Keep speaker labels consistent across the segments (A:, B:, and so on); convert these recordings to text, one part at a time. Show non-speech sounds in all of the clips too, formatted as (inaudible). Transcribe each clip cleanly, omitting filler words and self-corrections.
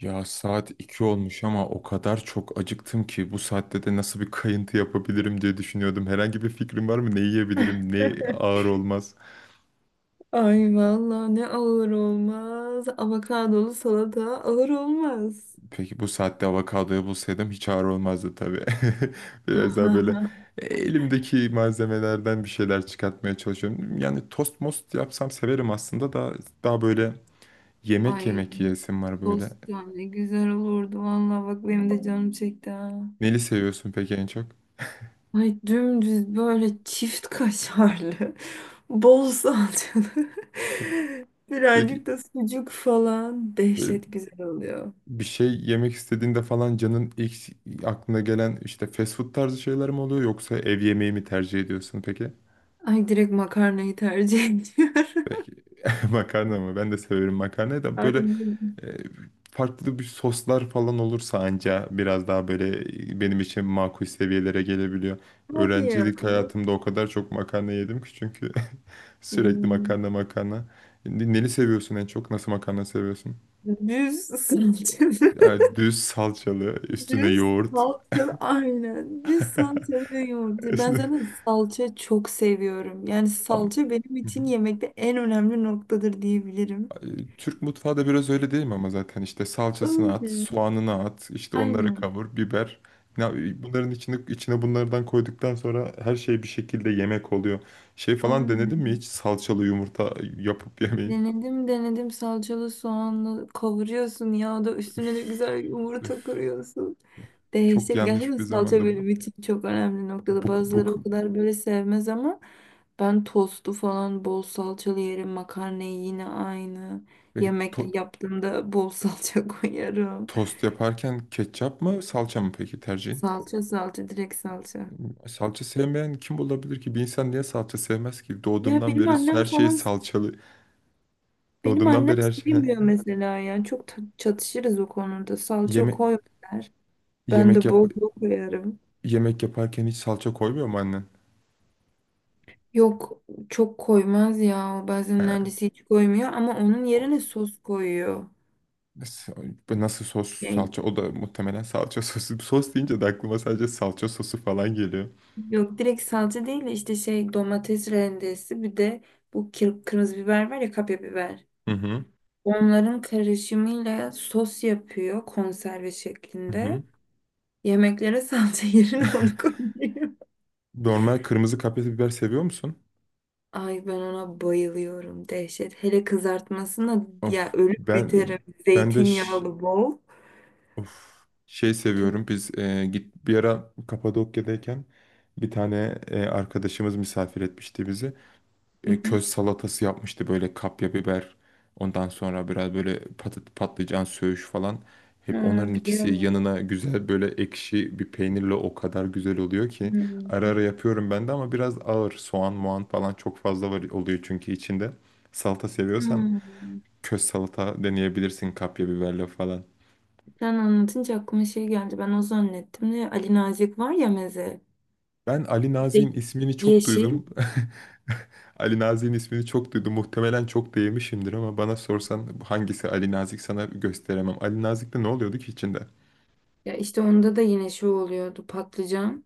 A: Ya saat 2 olmuş ama o kadar çok acıktım ki bu saatte de nasıl bir kayıntı yapabilirim diye düşünüyordum. Herhangi bir fikrim var mı? Ne yiyebilirim? Ne ağır
B: (laughs)
A: olmaz?
B: Ay vallahi ne ağır olmaz. Avokadolu salata ağır olmaz.
A: Peki bu saatte avokadoyu bulsaydım hiç ağır olmazdı tabii. (laughs) Biraz daha böyle
B: (laughs)
A: elimdeki malzemelerden bir şeyler çıkartmaya çalışıyorum. Yani tost most yapsam severim aslında da daha böyle yemek
B: Ay
A: yemek yiyesim var böyle.
B: tost ya ne güzel olurdu valla bak benim de canım çekti ha.
A: Neli seviyorsun peki en çok?
B: Ay dümdüz böyle çift kaşarlı, (laughs) bol salçalı, (laughs)
A: Peki
B: birazcık da sucuk falan dehşet güzel oluyor.
A: bir şey yemek istediğinde falan canın ilk aklına gelen işte fast food tarzı şeyler mi oluyor yoksa ev yemeği mi tercih ediyorsun peki?
B: Ay direkt makarnayı tercih (laughs) ediyorum.
A: (laughs) Makarna mı? Ben de severim makarnayı da böyle
B: Aynen.
A: e, farklı bir soslar falan olursa anca biraz daha böyle benim için makul seviyelere gelebiliyor.
B: Hadi ya.
A: Öğrencilik hayatımda o kadar çok makarna yedim ki çünkü (laughs) sürekli
B: Hmm.
A: makarna makarna. Neli seviyorsun en çok? Nasıl makarna seviyorsun?
B: Düz salçalı. (laughs)
A: Yani düz salçalı, üstüne
B: Düz
A: yoğurt.
B: salçalı. Aynen. Düz salçalı ve
A: (laughs)
B: yoğurt. Ben
A: Üstüne...
B: zaten salça çok seviyorum. Yani
A: Ama...
B: salça benim için yemekte en önemli noktadır diyebilirim.
A: E, Türk mutfağı da biraz öyle değil mi? Ama zaten işte salçasını at,
B: Öyle.
A: soğanını at, işte onları
B: Aynen.
A: kavur, biber. Ya, bunların içine bunlardan koyduktan sonra her şey bir şekilde yemek oluyor. Şey falan denedin mi
B: Aynen.
A: hiç salçalı yumurta yapıp (laughs) yemeyi?
B: Denedim. Salçalı soğanlı kavuruyorsun ya da üstüne de
A: Öf,
B: güzel yumurta
A: öf.
B: kırıyorsun.
A: Çok
B: Dehşet. Gerçekten
A: yanlış bir
B: salça
A: zamanda
B: böyle için çok önemli noktada.
A: bu, bu,
B: Bazıları o kadar böyle sevmez ama ben tostu falan bol salçalı yerim. Makarnayı yine aynı.
A: peki
B: Yemekli yaptığımda bol salça (laughs) koyarım.
A: tost yaparken ketçap mı salça mı peki tercihin?
B: Salça, direkt salça.
A: Salça sevmeyen kim olabilir ki? Bir insan niye salça sevmez ki?
B: Ya
A: Doğduğumdan
B: benim
A: beri
B: annem
A: her şey
B: falan
A: salçalı.
B: benim
A: Doğduğumdan
B: annem
A: beri her şey... He.
B: sevmiyor mesela. Yani çok çatışırız o konuda. Salça
A: Yeme
B: koy der. Ben
A: Yemek
B: de
A: yap
B: bol bol koyarım.
A: yemek yaparken hiç salça koymuyor mu annen?
B: Yok, çok koymaz ya. O
A: He.
B: bazen neredeyse hiç koymuyor ama onun yerine
A: O-
B: sos koyuyor.
A: Nasıl, nasıl sos
B: Yani
A: salça? O da muhtemelen salça (laughs) sosu. Sos deyince de aklıma sadece salça sosu falan geliyor.
B: yok, direkt salça değil de işte şey, domates rendesi, bir de bu kırmızı biber var ya, kapya biber.
A: Hı hı.
B: Onların karışımıyla sos yapıyor konserve
A: Hı
B: şeklinde.
A: hı.
B: Yemeklere salça (laughs) yerine onu
A: (laughs)
B: koyuyor.
A: Normal kırmızı kapya biber seviyor musun?
B: Ay ben ona bayılıyorum, dehşet. Hele kızartmasına
A: Of
B: ya, ölüp
A: ben
B: biterim.
A: ben de ş-
B: Zeytinyağlı bol.
A: of şey
B: Çok.
A: seviyorum. Biz e, git bir ara Kapadokya'dayken bir tane arkadaşımız misafir etmişti bizi. Köz
B: (laughs)
A: salatası yapmıştı böyle kapya biber. Ondan sonra biraz böyle patlıcan söğüş falan. Hep
B: Ha,
A: onların ikisi
B: biliyorum onu.
A: yanına güzel böyle ekşi bir peynirle o kadar güzel oluyor ki. Ara
B: Hmm.
A: ara yapıyorum ben de ama biraz ağır. Soğan, muan falan çok fazla var oluyor çünkü içinde. Salata seviyorsan
B: Hmm.
A: köz salata deneyebilirsin kapya biberle falan.
B: Sen anlatınca aklıma şey geldi. Ben o zannettim de, Ali Nazik var ya, meze.
A: Ben Ali
B: İşte
A: Nazik'in ismini çok
B: yeşil.
A: duydum. (laughs) Ali Nazik'in ismini çok duydum. Muhtemelen çok da yemişimdir ama bana sorsan hangisi Ali Nazik sana gösteremem. Ali Nazik'te ne oluyordu ki içinde?
B: Ya işte onda da yine şu oluyordu. Patlıcan.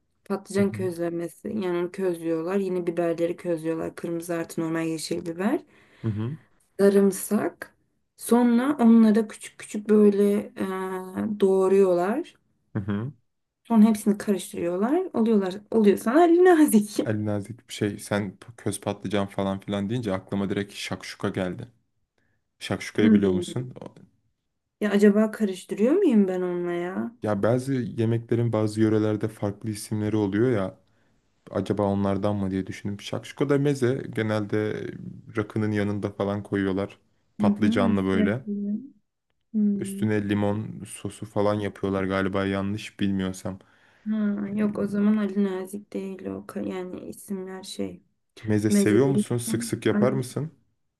A: Hı
B: Patlıcan
A: hı.
B: közlemesi. Yani onu közlüyorlar. Yine biberleri közlüyorlar. Kırmızı artı normal yeşil biber.
A: Hı hı.
B: Sarımsak. Sonra onlara küçük küçük böyle doğruyorlar.
A: Hı hı.
B: Sonra hepsini karıştırıyorlar. Oluyorlar. Oluyor sana Ali Nazik.
A: Ali Nazik şey sen köz patlıcan falan filan deyince aklıma direkt şakşuka geldi. Şakşukayı biliyor
B: (laughs)
A: musun?
B: Ya acaba karıştırıyor muyum ben onunla ya?
A: Ya bazı yemeklerin bazı yörelerde farklı isimleri oluyor ya. Acaba onlardan mı diye düşündüm. Şakşuka da meze, genelde rakının yanında falan koyuyorlar.
B: Hı hı,
A: Patlıcanlı
B: nasıl
A: böyle.
B: yapılıyor? Hmm.
A: Üstüne limon sosu falan yapıyorlar galiba, yanlış bilmiyorsam.
B: Ha, yok o zaman Ali Nazik değil o. Yani isimler şey.
A: Meze
B: Meze
A: seviyor musun? Sık
B: değilken.
A: sık yapar
B: Ali-
A: mısın?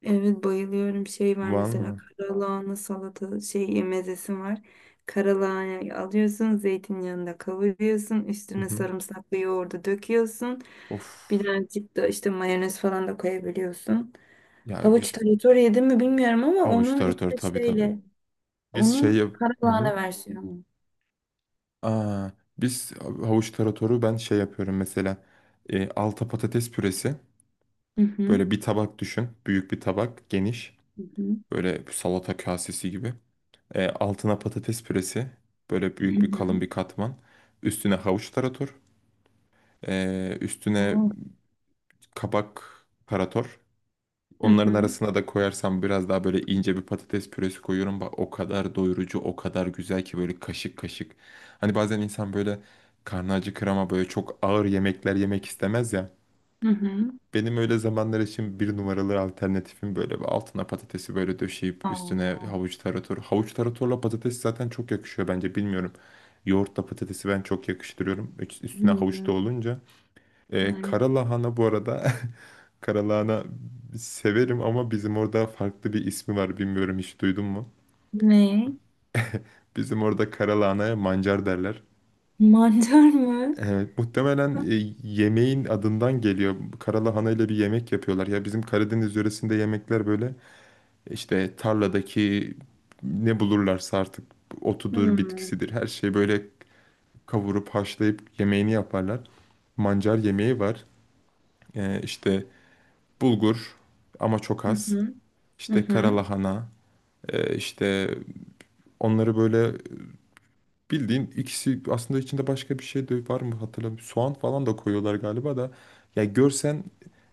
B: Evet, bayılıyorum. Şey var mesela,
A: Valla.
B: karalahana salata şey mezesi var. Karalahana alıyorsun, zeytinyağında kavuruyorsun.
A: Hı
B: Üstüne
A: hı.
B: sarımsaklı yoğurdu döküyorsun.
A: Of.
B: Birazcık da işte mayonez falan da koyabiliyorsun.
A: Ya
B: Havuç
A: bir
B: tarator yedim mi bilmiyorum ama
A: avuç
B: onun
A: taratoru,
B: işte
A: tabii tabii.
B: şeyle
A: Biz şey
B: onun
A: yap... Hı hı.
B: karalahane versiyonu.
A: Aa, biz havuç taratoru ben şey yapıyorum mesela. Alta patates püresi.
B: Hı hı.
A: Böyle bir tabak düşün. Büyük bir tabak. Geniş.
B: Hı hı.
A: Böyle salata kasesi gibi. Altına patates püresi. Böyle
B: Hı
A: büyük bir
B: Hmm.
A: kalın
B: hı.
A: bir katman. Üstüne havuç tarator. Üstüne
B: Oo.
A: kabak tarator.
B: Hı
A: Onların
B: hı.
A: arasına da koyarsam biraz daha böyle ince bir patates püresi koyuyorum. Bak o kadar doyurucu, o kadar güzel ki böyle kaşık kaşık. Hani bazen insan böyle karnı acıkır ama böyle çok ağır yemekler yemek istemez ya.
B: Hı hı.
A: Benim öyle zamanlar için bir numaralı alternatifim böyle bir altına patatesi böyle döşeyip üstüne
B: Aa.
A: havuç tarator. Havuç taratorla patates zaten çok yakışıyor bence, bilmiyorum. Yoğurtla patatesi ben çok yakıştırıyorum. Üstüne havuç da
B: Hmm.
A: olunca.
B: Ay.
A: Kara lahana bu arada. (laughs) Kara lahana severim ama bizim orada farklı bir ismi var, bilmiyorum, hiç duydun mu?
B: Ne?
A: Bizim orada kara lahanaya mancar derler.
B: Mantar mı?
A: Evet, muhtemelen yemeğin adından geliyor. Karalahana ile bir yemek yapıyorlar. Ya bizim Karadeniz yöresinde yemekler böyle İşte tarladaki ne bulurlarsa artık, otudur,
B: Hmm.
A: bitkisidir. Her şeyi böyle kavurup haşlayıp yemeğini yaparlar. Mancar yemeği var. İşte bulgur, ama çok
B: Hı
A: az.
B: hı. Hı
A: İşte kara
B: hı.
A: lahana. İşte onları böyle bildiğin, ikisi aslında, içinde başka bir şey de var mı hatırlamıyorum. Soğan falan da koyuyorlar galiba da. Ya görsen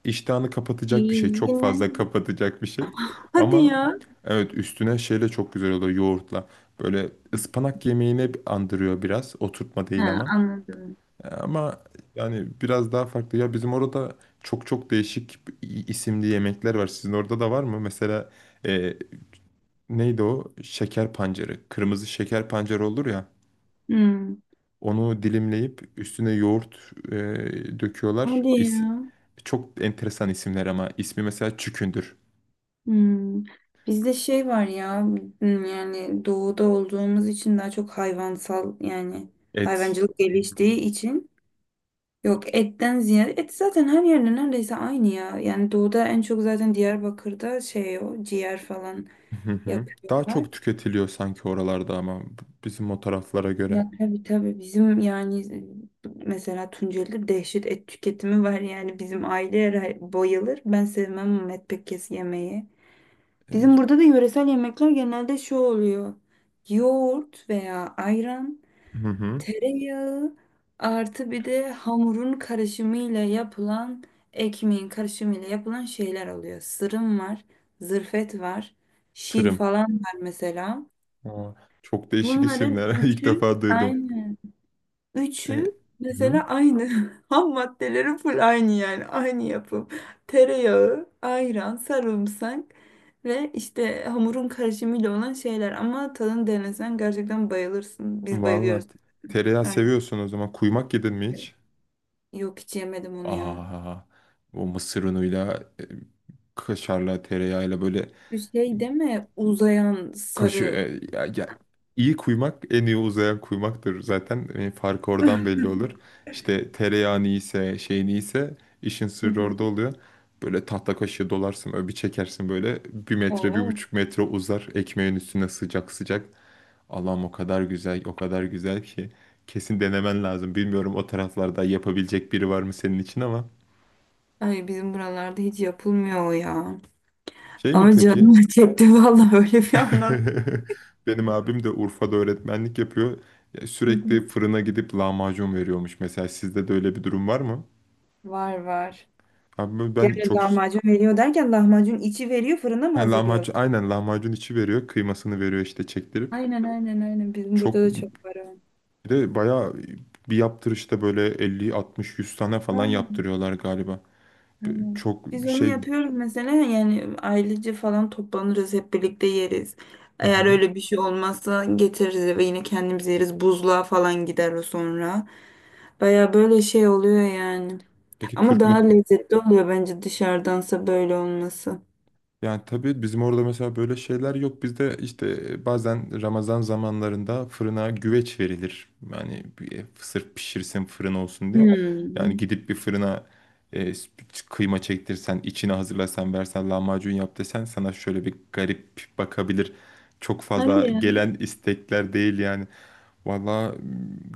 A: iştahını kapatacak bir şey. Çok
B: Yine.
A: fazla kapatacak bir şey.
B: Hadi
A: Ama
B: ya.
A: evet, üstüne şeyle çok güzel oluyor, yoğurtla. Böyle ıspanak yemeğini andırıyor biraz. Oturtma değil
B: Ha,
A: ama.
B: anladım.
A: Ama yani biraz daha farklı. Ya bizim orada çok çok değişik isimli yemekler var. Sizin orada da var mı? Mesela e, neydi o? Şeker pancarı. Kırmızı şeker pancarı olur ya.
B: Hmm.
A: Onu dilimleyip üstüne yoğurt döküyorlar.
B: Hadi ya.
A: Çok enteresan isimler ama ismi mesela çükündür.
B: Hmm. Bizde şey var ya, hmm, yani doğuda olduğumuz için daha çok hayvansal, yani
A: Et.
B: hayvancılık geliştiği için. Yok, etten ziyade et zaten her yerde neredeyse aynı ya. Yani doğuda en çok zaten Diyarbakır'da şey, o ciğer falan
A: Hı hı. Daha
B: yapıyorlar.
A: çok tüketiliyor sanki oralarda ama bizim o taraflara göre.
B: Ya tabii tabii, bizim yani mesela Tunceli'de dehşet et tüketimi var. Yani bizim aile bayılır. Ben sevmem ama et pek, kes yemeği. Bizim
A: E,
B: burada da yöresel yemekler genelde şu oluyor. Yoğurt veya ayran,
A: Hı hı.
B: tereyağı artı bir de hamurun karışımıyla yapılan, ekmeğin karışımıyla yapılan şeyler oluyor. Sırım var, zırfet var, şir
A: Tırım.
B: falan var mesela.
A: Aa, çok değişik
B: Bunların
A: isimler. (laughs) İlk
B: üçü
A: defa duydum.
B: aynı.
A: E,
B: Üçü
A: hı.
B: mesela aynı. (laughs) Ham maddeleri full aynı yani. Aynı yapım. Tereyağı, ayran, sarımsak ve işte hamurun karışımıyla olan şeyler. Ama tadını denesen gerçekten bayılırsın. Biz
A: Vallahi
B: bayılıyoruz.
A: tereyağı
B: Aynen.
A: seviyorsun o zaman. Kuymak yedin mi hiç?
B: Yok, hiç yemedim onu ya.
A: Aa, o mısır unuyla, kaşarla, tereyağıyla böyle.
B: Şu şey deme, uzayan sarı.
A: Ya, ya, iyi kuymak en iyi uzayan kuymaktır zaten, farkı
B: Hı
A: oradan belli
B: hı.
A: olur. İşte tereyağın iyiyse, şeyin iyiyse işin sırrı orada
B: (laughs)
A: oluyor. Böyle tahta kaşığı dolarsın, öyle bir çekersin böyle bir metre bir
B: Oo.
A: buçuk metre uzar ekmeğin üstüne sıcak sıcak. Allah'ım, o kadar güzel o kadar güzel ki kesin denemen lazım. Bilmiyorum o taraflarda yapabilecek biri var mı senin için, ama
B: Ay bizim buralarda hiç yapılmıyor o ya.
A: şey mi
B: Ama
A: peki
B: canım (laughs) çekti vallahi, öyle bir anlat.
A: (laughs) benim abim de Urfa'da öğretmenlik yapıyor. Ya
B: Hı hı.
A: sürekli fırına gidip lahmacun veriyormuş. Mesela sizde de öyle bir durum var mı?
B: Var var.
A: Abi ben
B: Yani
A: çok...
B: lahmacun veriyor derken, lahmacun içi veriyor fırına mı,
A: Ha,
B: hazırlıyorlar?
A: lahmacun, aynen lahmacun içi veriyor. Kıymasını veriyor işte, çektirip.
B: Aynen, bizim burada
A: Çok,
B: da
A: bir
B: çok var o.
A: de bayağı bir yaptırışta böyle 50, 60, 100 tane falan
B: Aynen.
A: yaptırıyorlar galiba.
B: Aynen.
A: Çok
B: Biz onu
A: şey...
B: yapıyoruz mesela, yani ailece falan toplanırız, hep birlikte yeriz.
A: Hı
B: Eğer
A: hı.
B: öyle bir şey olmazsa getiririz eve, yine kendimiz yeriz. Buzluğa falan gider o sonra. Baya böyle şey oluyor yani.
A: Peki
B: Ama
A: Türk
B: daha lezzetli oluyor bence dışarıdansa böyle olması.
A: Yani tabii bizim orada mesela böyle şeyler yok. Bizde işte bazen Ramazan zamanlarında fırına güveç verilir. Yani sırf pişirsin, fırın olsun diye.
B: Hmm.
A: Yani gidip bir fırına e, kıyma çektirsen, içine hazırlasan, versen, lahmacun yap desen sana şöyle bir garip bakabilir. Çok
B: Hadi
A: fazla
B: ya.
A: gelen istekler değil yani. Valla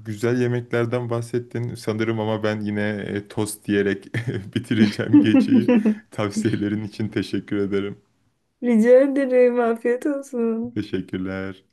A: güzel yemeklerden bahsettin sanırım ama ben yine tost diyerek (laughs) bitireceğim geceyi.
B: (laughs)
A: Tavsiyelerin için teşekkür ederim.
B: Rica ederim. Afiyet olsun.
A: Teşekkürler.